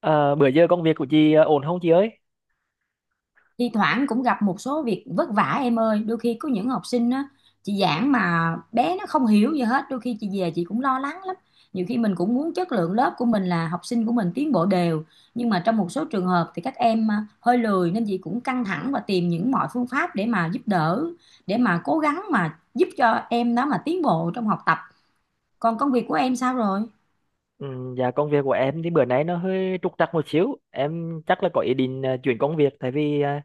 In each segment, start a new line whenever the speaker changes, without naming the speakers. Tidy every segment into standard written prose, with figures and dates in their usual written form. Ờ, Bữa giờ công việc của chị ổn không chị ơi?
Thi thoảng cũng gặp một số việc vất vả em ơi. Đôi khi có những học sinh á, chị giảng mà bé nó không hiểu gì hết, đôi khi chị về chị cũng lo lắng lắm. Nhiều khi mình cũng muốn chất lượng lớp của mình là học sinh của mình tiến bộ đều, nhưng mà trong một số trường hợp thì các em hơi lười nên chị cũng căng thẳng và tìm những mọi phương pháp để mà giúp đỡ, để mà cố gắng mà giúp cho em đó mà tiến bộ trong học tập. Còn công việc của em sao rồi?
Ừ, dạ công việc của em thì bữa nay nó hơi trục trặc một xíu. Em chắc là có ý định chuyển công việc, tại vì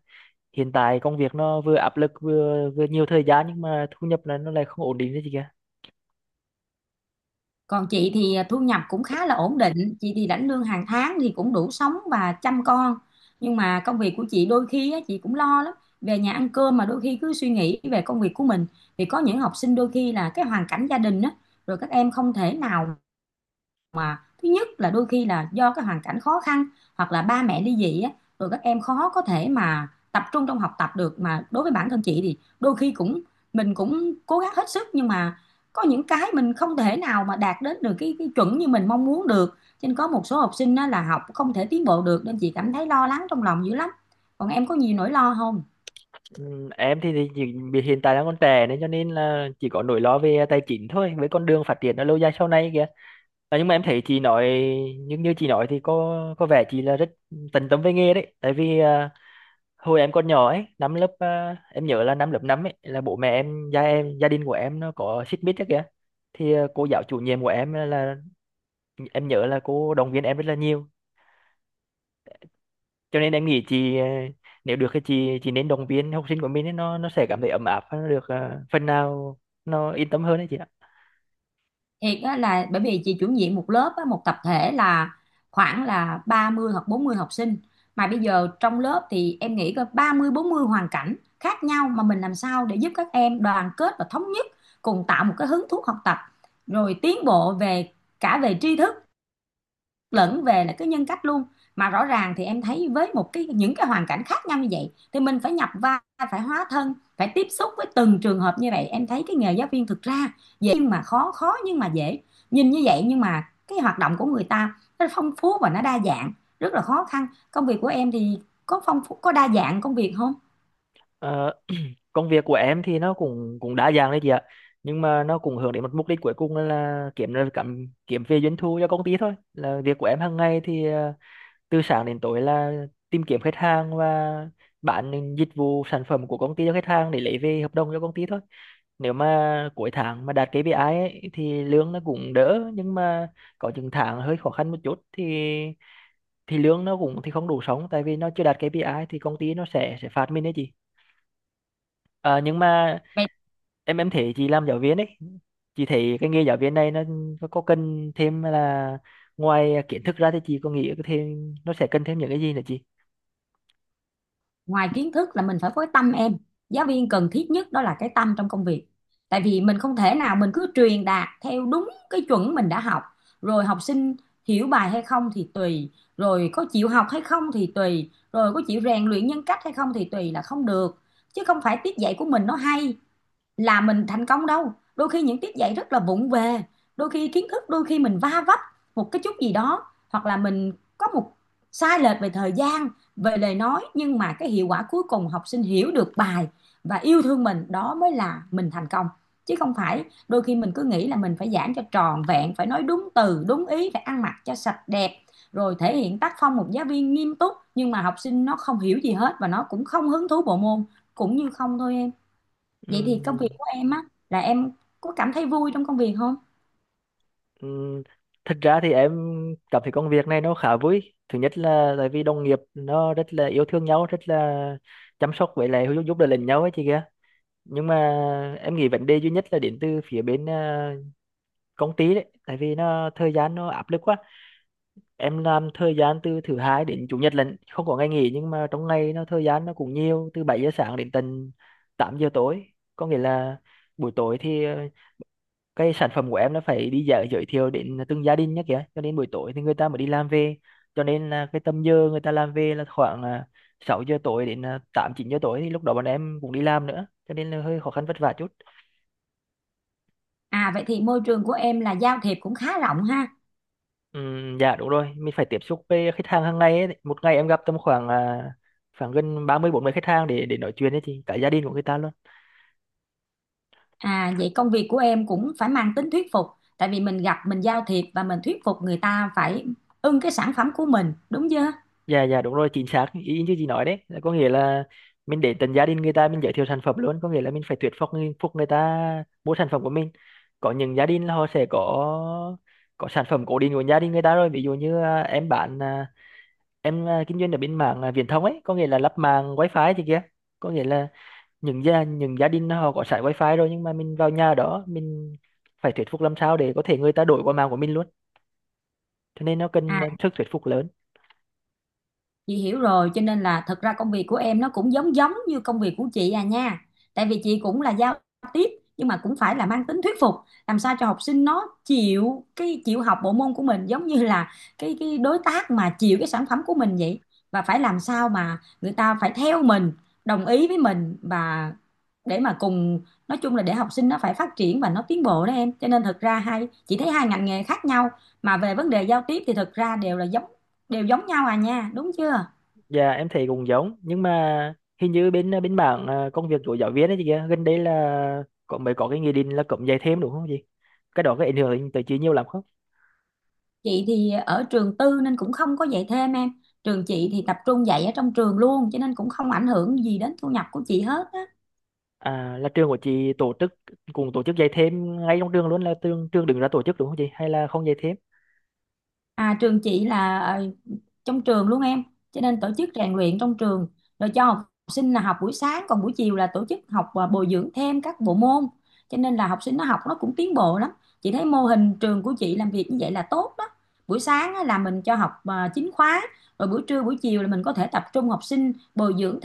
hiện tại công việc nó vừa áp lực vừa vừa nhiều thời gian, nhưng mà thu nhập là nó lại không ổn định đấy chị kìa.
Còn chị thì thu nhập cũng khá là ổn định, chị thì lãnh lương hàng tháng thì cũng đủ sống và chăm con. Nhưng mà công việc của chị đôi khi á, chị cũng lo lắm. Về nhà ăn cơm mà đôi khi cứ suy nghĩ về công việc của mình. Vì có những học sinh đôi khi là cái hoàn cảnh gia đình á, rồi các em không thể nào, mà thứ nhất là đôi khi là do cái hoàn cảnh khó khăn hoặc là ba mẹ ly dị á, rồi các em khó có thể mà tập trung trong học tập được. Mà đối với bản thân chị thì đôi khi cũng mình cũng cố gắng hết sức, nhưng mà có những cái mình không thể nào mà đạt đến được cái chuẩn như mình mong muốn được, cho nên có một số học sinh á, là học không thể tiến bộ được nên chị cảm thấy lo lắng trong lòng dữ lắm. Còn em có nhiều nỗi lo không?
Ừ, em thì chỉ vì hiện tại đang còn trẻ, nên cho nên là chỉ có nỗi lo về tài chính thôi, với con đường phát triển ở lâu dài sau này kìa. À, nhưng mà em thấy chị nói, nhưng như như chị nói thì có vẻ chị là rất tận tâm với nghề đấy. Tại vì hồi em còn nhỏ ấy, em nhớ là năm lớp 5 ấy là bố mẹ em, gia đình của em nó có xích mích ấy kìa, thì cô giáo chủ nhiệm của em là em nhớ là cô động viên em rất là nhiều, cho nên em nghĩ chị nếu được thì chị nên động viên học sinh của mình ấy, nó sẽ cảm thấy ấm áp và nó được phần nào nó yên tâm hơn đấy chị ạ.
Thiệt á, là bởi vì chị chủ nhiệm một lớp á, một tập thể là khoảng là 30 hoặc 40 học sinh, mà bây giờ trong lớp thì em nghĩ có 30 40 hoàn cảnh khác nhau, mà mình làm sao để giúp các em đoàn kết và thống nhất, cùng tạo một cái hứng thú học tập, rồi tiến bộ về cả về tri thức lẫn về là cái nhân cách luôn. Mà rõ ràng thì em thấy với một cái những cái hoàn cảnh khác nhau như vậy thì mình phải nhập vai, phải hóa thân, phải tiếp xúc với từng trường hợp như vậy. Em thấy cái nghề giáo viên thực ra dễ nhưng mà khó, khó nhưng mà dễ, nhìn như vậy nhưng mà cái hoạt động của người ta nó phong phú và nó đa dạng, rất là khó khăn. Công việc của em thì có phong phú, có đa dạng công việc không?
Ờ, Công việc của em thì nó cũng cũng đa dạng đấy chị ạ, nhưng mà nó cũng hướng đến một mục đích cuối cùng là kiếm ra cảm kiếm về doanh thu cho công ty thôi. Là việc của em hàng ngày thì từ sáng đến tối là tìm kiếm khách hàng và bán những dịch vụ sản phẩm của công ty cho khách hàng để lấy về hợp đồng cho công ty thôi. Nếu mà cuối tháng mà đạt KPI ấy, thì lương nó cũng đỡ, nhưng mà có những tháng hơi khó khăn một chút thì lương nó cũng thì không đủ sống, tại vì nó chưa đạt KPI thì công ty nó sẽ phạt mình đấy chị. Nhưng mà
Vậy
em thấy chị làm giáo viên ấy, chị thấy cái nghề giáo viên này nó có cần thêm là, ngoài kiến thức ra thì chị có nghĩ thêm nó sẽ cần thêm những cái gì nữa chị?
ngoài kiến thức là mình phải có cái tâm em. Giáo viên cần thiết nhất đó là cái tâm trong công việc. Tại vì mình không thể nào mình cứ truyền đạt theo đúng cái chuẩn mình đã học, rồi học sinh hiểu bài hay không thì tùy, rồi có chịu học hay không thì tùy, rồi có chịu rèn luyện nhân cách hay không thì tùy là không được. Chứ không phải tiết dạy của mình nó hay là mình thành công đâu. Đôi khi những tiết dạy rất là vụng về, đôi khi kiến thức đôi khi mình va vấp một cái chút gì đó, hoặc là mình có một sai lệch về thời gian, về lời nói, nhưng mà cái hiệu quả cuối cùng học sinh hiểu được bài và yêu thương mình, đó mới là mình thành công. Chứ không phải đôi khi mình cứ nghĩ là mình phải giảng cho tròn vẹn, phải nói đúng từ đúng ý, phải ăn mặc cho sạch đẹp, rồi thể hiện tác phong một giáo viên nghiêm túc, nhưng mà học sinh nó không hiểu gì hết và nó cũng không hứng thú bộ môn, cũng như không thôi em. Vậy thì công
Ừ.
việc của em á, là em có cảm thấy vui trong công việc không?
Ừ, thật ra thì em cảm thấy công việc này nó khá vui. Thứ nhất là tại vì đồng nghiệp nó rất là yêu thương nhau, rất là chăm sóc, với lại giúp giúp đỡ lẫn nhau ấy chị kia. Nhưng mà em nghĩ vấn đề duy nhất là đến từ phía bên công ty đấy, tại vì nó thời gian nó áp lực quá. Em làm thời gian từ thứ hai đến chủ nhật lận, không có ngày nghỉ, nhưng mà trong ngày nó thời gian nó cũng nhiều, từ 7 giờ sáng đến tận 8 giờ tối. Có nghĩa là buổi tối thì cái sản phẩm của em nó phải đi dạo giới thiệu đến từng gia đình nhé kìa, cho nên buổi tối thì người ta mới đi làm về, cho nên là cái tầm giờ người ta làm về là khoảng 6 giờ tối đến 8 9 giờ tối, thì lúc đó bọn em cũng đi làm nữa, cho nên là hơi khó khăn vất vả chút.
À vậy thì môi trường của em là giao thiệp cũng khá rộng ha.
Dạ đúng rồi, mình phải tiếp xúc với khách hàng hàng ngày ấy. Một ngày em gặp khoảng gần 30 40 khách hàng để nói chuyện ấy chị, cả gia đình của người ta luôn.
À vậy công việc của em cũng phải mang tính thuyết phục, tại vì mình gặp mình giao thiệp và mình thuyết phục người ta phải ưng cái sản phẩm của mình, đúng chưa?
Dạ, dạ, đúng rồi, chính xác ý như chị nói đấy, là có nghĩa là mình để tận gia đình người ta mình giới thiệu sản phẩm luôn, có nghĩa là mình phải thuyết phục người ta mua sản phẩm của mình. Có những gia đình là họ sẽ có sản phẩm cố định của gia đình người ta rồi. Ví dụ như em kinh doanh ở bên mạng viễn thông ấy, có nghĩa là lắp mạng wifi thì kia, có nghĩa là những gia đình họ có sẵn wifi rồi, nhưng mà mình vào nhà đó mình phải thuyết phục làm sao để có thể người ta đổi qua mạng của mình luôn, cho nên nó cần
À,
sức thuyết phục lớn.
chị hiểu rồi, cho nên là thật ra công việc của em nó cũng giống giống như công việc của chị à nha. Tại vì chị cũng là giao tiếp, nhưng mà cũng phải là mang tính thuyết phục, làm sao cho học sinh nó chịu cái chịu học bộ môn của mình, giống như là cái đối tác mà chịu cái sản phẩm của mình vậy. Và phải làm sao mà người ta phải theo mình, đồng ý với mình và để mà cùng, nói chung là để học sinh nó phải phát triển và nó tiến bộ đó em. Cho nên thật ra hai chị thấy hai ngành nghề khác nhau mà về vấn đề giao tiếp thì thật ra đều là giống, đều giống nhau à nha, đúng chưa?
Dạ em thấy cũng giống, nhưng mà hình như bên bên mảng công việc của giáo viên ấy chị kia, gần đây là mới có cái nghị định là cấm dạy thêm đúng không chị? Cái đó có ảnh hưởng tới chị nhiều lắm không?
Chị thì ở trường tư nên cũng không có dạy thêm em. Trường chị thì tập trung dạy ở trong trường luôn, cho nên cũng không ảnh hưởng gì đến thu nhập của chị hết á.
À, là trường của chị tổ chức dạy thêm ngay trong trường luôn, là trường trường đứng ra tổ chức đúng không chị? Hay là không dạy thêm?
À trường chị là trong trường luôn em, cho nên tổ chức rèn luyện trong trường, rồi cho học sinh là học buổi sáng, còn buổi chiều là tổ chức học và bồi dưỡng thêm các bộ môn, cho nên là học sinh nó học nó cũng tiến bộ lắm. Chị thấy mô hình trường của chị làm việc như vậy là tốt đó. Buổi sáng á là mình cho học chính khóa, rồi buổi trưa buổi chiều là mình có thể tập trung học sinh bồi dưỡng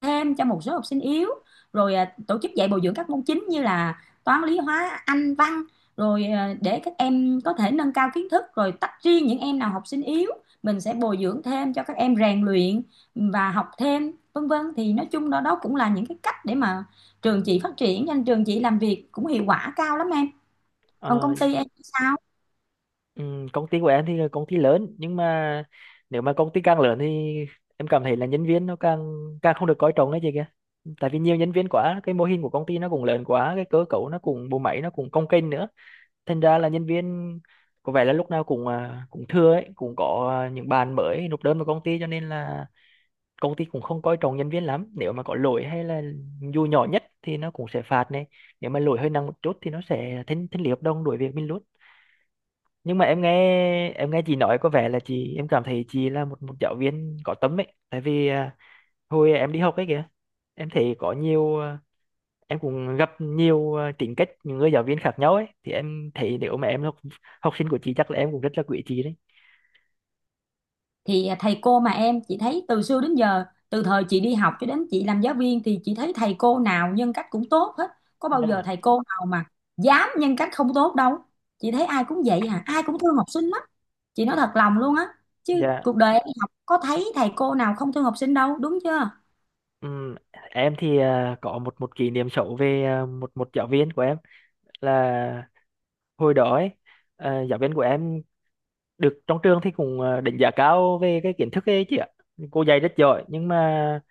thêm cho một số học sinh yếu, rồi tổ chức dạy bồi dưỡng các môn chính như là toán lý hóa anh văn, rồi để các em có thể nâng cao kiến thức, rồi tách riêng những em nào học sinh yếu mình sẽ bồi dưỡng thêm cho các em rèn luyện và học thêm vân vân. Thì nói chung đó đó cũng là những cái cách để mà trường chị phát triển, nên trường chị làm việc cũng hiệu quả cao lắm em. Còn
Ờ,
công ty em sao?
Công ty của em thì là công ty lớn, nhưng mà nếu mà công ty càng lớn thì em cảm thấy là nhân viên nó càng càng không được coi trọng đấy chị kia. Tại vì nhiều nhân viên quá, cái mô hình của công ty nó cũng lớn quá, cái cơ cấu nó cũng bộ máy nó cũng cồng kềnh nữa, thành ra là nhân viên có vẻ là lúc nào cũng thưa ấy, cũng có những bạn mới nộp đơn vào công ty, cho nên là công ty cũng không coi trọng nhân viên lắm. Nếu mà có lỗi hay là dù nhỏ nhất thì nó cũng sẽ phạt này, nếu mà lỗi hơi nặng một chút thì nó sẽ thanh thanh lý hợp đồng đuổi việc mình luôn. Nhưng mà em nghe chị nói có vẻ là chị, em cảm thấy chị là một một giáo viên có tâm ấy, tại vì hồi em đi học ấy kìa, em thấy có nhiều em cũng gặp nhiều tính cách những người giáo viên khác nhau ấy, thì em thấy nếu mà em là học học sinh của chị chắc là em cũng rất là quý chị đấy.
Thì thầy cô mà em, chị thấy từ xưa đến giờ, từ thời chị đi học cho đến chị làm giáo viên, thì chị thấy thầy cô nào nhân cách cũng tốt hết. Có bao
Dạ,
giờ thầy cô nào mà dám nhân cách không tốt đâu. Chị thấy ai cũng vậy à, ai cũng thương học sinh lắm. Chị nói thật lòng luôn á, chứ
dạ.
cuộc đời em đi học có thấy thầy cô nào không thương học sinh đâu, đúng chưa?
Ừm, em thì có một một kỷ niệm xấu về một một giáo viên của em, là hồi đó ấy giáo viên của em được trong trường thì cũng đánh giá cao về cái kiến thức ấy chị ạ. Cô dạy rất giỏi, nhưng mà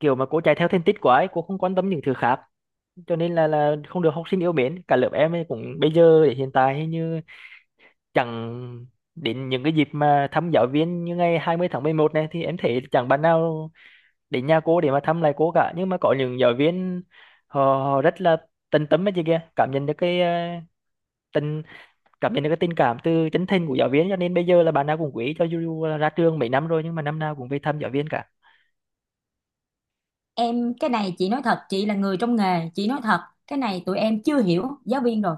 kiểu mà cô chạy theo thành tích quá ấy, cô không quan tâm những thứ khác, cho nên là không được học sinh yêu mến. Cả lớp em ấy cũng bây giờ hiện tại hình như chẳng đến những cái dịp mà thăm giáo viên, như ngày 20/11 này thì em thấy chẳng bạn nào đến nhà cô để mà thăm lại cô cả. Nhưng mà có những giáo viên họ rất là tận tâm ấy chị kia, tình cảm nhận được cái tình cảm từ chân thành của giáo viên, cho nên bây giờ là bạn nào cũng quý, cho dù là ra trường mấy năm rồi nhưng mà năm nào cũng về thăm giáo viên cả.
Em, cái này chị nói thật, chị là người trong nghề chị nói thật, cái này tụi em chưa hiểu giáo viên rồi.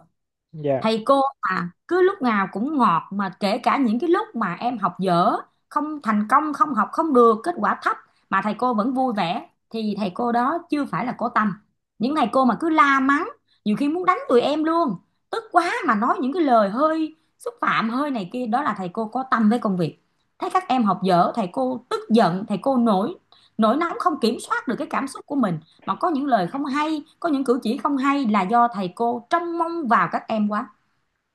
Dạ.
Thầy cô mà cứ lúc nào cũng ngọt, mà kể cả những cái lúc mà em học dở, không thành công, không học không được, kết quả thấp mà thầy cô vẫn vui vẻ thì thầy cô đó chưa phải là có tâm. Những thầy cô mà cứ la mắng, nhiều khi muốn đánh tụi em luôn, tức quá mà nói những cái lời hơi xúc phạm hơi này kia, đó là thầy cô có tâm với công việc. Thấy các em học dở thầy cô tức giận, thầy cô nổi nổi nóng không kiểm soát được cái cảm xúc của mình, mà có những lời không hay, có những cử chỉ không hay, là do thầy cô trông mong vào các em quá.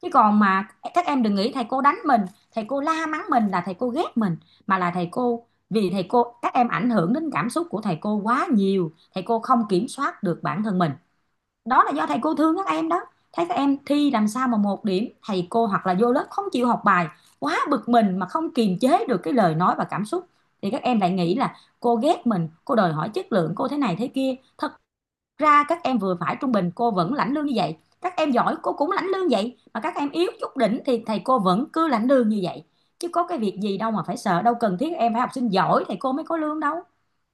Chứ còn mà các em đừng nghĩ thầy cô đánh mình, thầy cô la mắng mình là thầy cô ghét mình, mà là thầy cô vì thầy cô, các em ảnh hưởng đến cảm xúc của thầy cô quá nhiều, thầy cô không kiểm soát được bản thân mình, đó là do thầy cô thương các em đó. Thấy các em thi làm sao mà 1 điểm, thầy cô hoặc là vô lớp không chịu học bài, quá bực mình mà không kiềm chế được cái lời nói và cảm xúc, thì các em lại nghĩ là cô ghét mình, cô đòi hỏi chất lượng, cô thế này thế kia. Thật ra các em vừa phải trung bình cô vẫn lãnh lương như vậy, các em giỏi cô cũng lãnh lương vậy, mà các em yếu chút đỉnh thì thầy cô vẫn cứ lãnh lương như vậy, chứ có cái việc gì đâu mà phải sợ. Đâu cần thiết em phải học sinh giỏi thầy cô mới có lương đâu,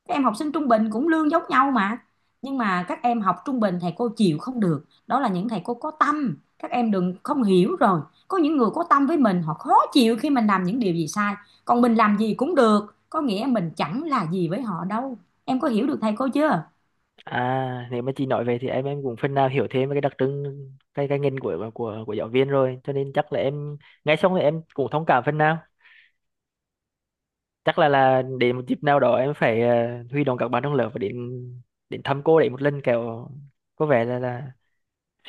các em học sinh trung bình cũng lương giống nhau mà. Nhưng mà các em học trung bình thầy cô chịu không được, đó là những thầy cô có tâm, các em đừng không hiểu rồi. Có những người có tâm với mình họ khó chịu khi mình làm những điều gì sai, còn mình làm gì cũng được có nghĩa mình chẳng là gì với họ đâu. Em có hiểu được thầy cô chưa?
Nếu mà chị nói về thì em cũng phần nào hiểu thêm về cái đặc trưng, cái ngành của giáo viên rồi, cho nên chắc là em nghe xong thì em cũng thông cảm phần nào. Chắc là đến một dịp nào đó em phải huy động các bạn trong lớp và đến đến thăm cô đấy một lần kẹo, có vẻ là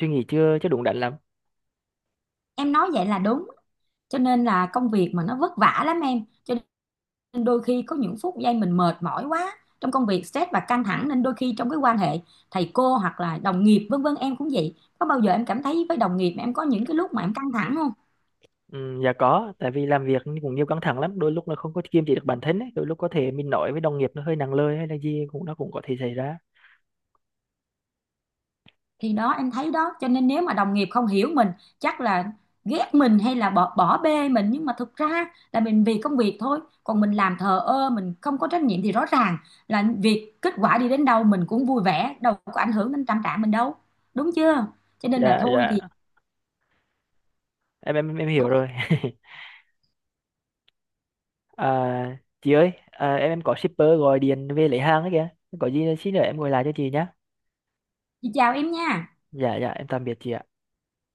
suy nghĩ chưa chưa đúng đắn lắm.
Em nói vậy là đúng, cho nên là công việc mà nó vất vả lắm em, cho nên đôi khi có những phút giây mình mệt mỏi quá trong công việc, stress và căng thẳng, nên đôi khi trong cái quan hệ thầy cô hoặc là đồng nghiệp vân vân, em cũng vậy, có bao giờ em cảm thấy với đồng nghiệp mà em có những cái lúc mà em căng thẳng không?
Ừ, dạ có, tại vì làm việc cũng nhiều căng thẳng lắm, đôi lúc là không có kiềm chế được bản thân ấy. Đôi lúc có thể mình nói với đồng nghiệp nó hơi nặng lời hay là gì cũng nó cũng có thể xảy ra.
Thì đó em thấy đó, cho nên nếu mà đồng nghiệp không hiểu mình chắc là ghét mình hay là bỏ bỏ bê mình, nhưng mà thực ra là mình vì công việc thôi, còn mình làm thờ ơ, mình không có trách nhiệm thì rõ ràng là việc kết quả đi đến đâu mình cũng vui vẻ, đâu có ảnh hưởng đến tâm trạng mình đâu, đúng chưa? Cho nên là
Dạ,
thôi thì
dạ, em hiểu
thôi,
rồi. À, chị ơi, em có shipper gọi điện về lấy hàng ấy kìa, có gì xin nữa em gọi lại cho chị nhé.
chị chào em nha.
Dạ, dạ, em tạm biệt chị ạ.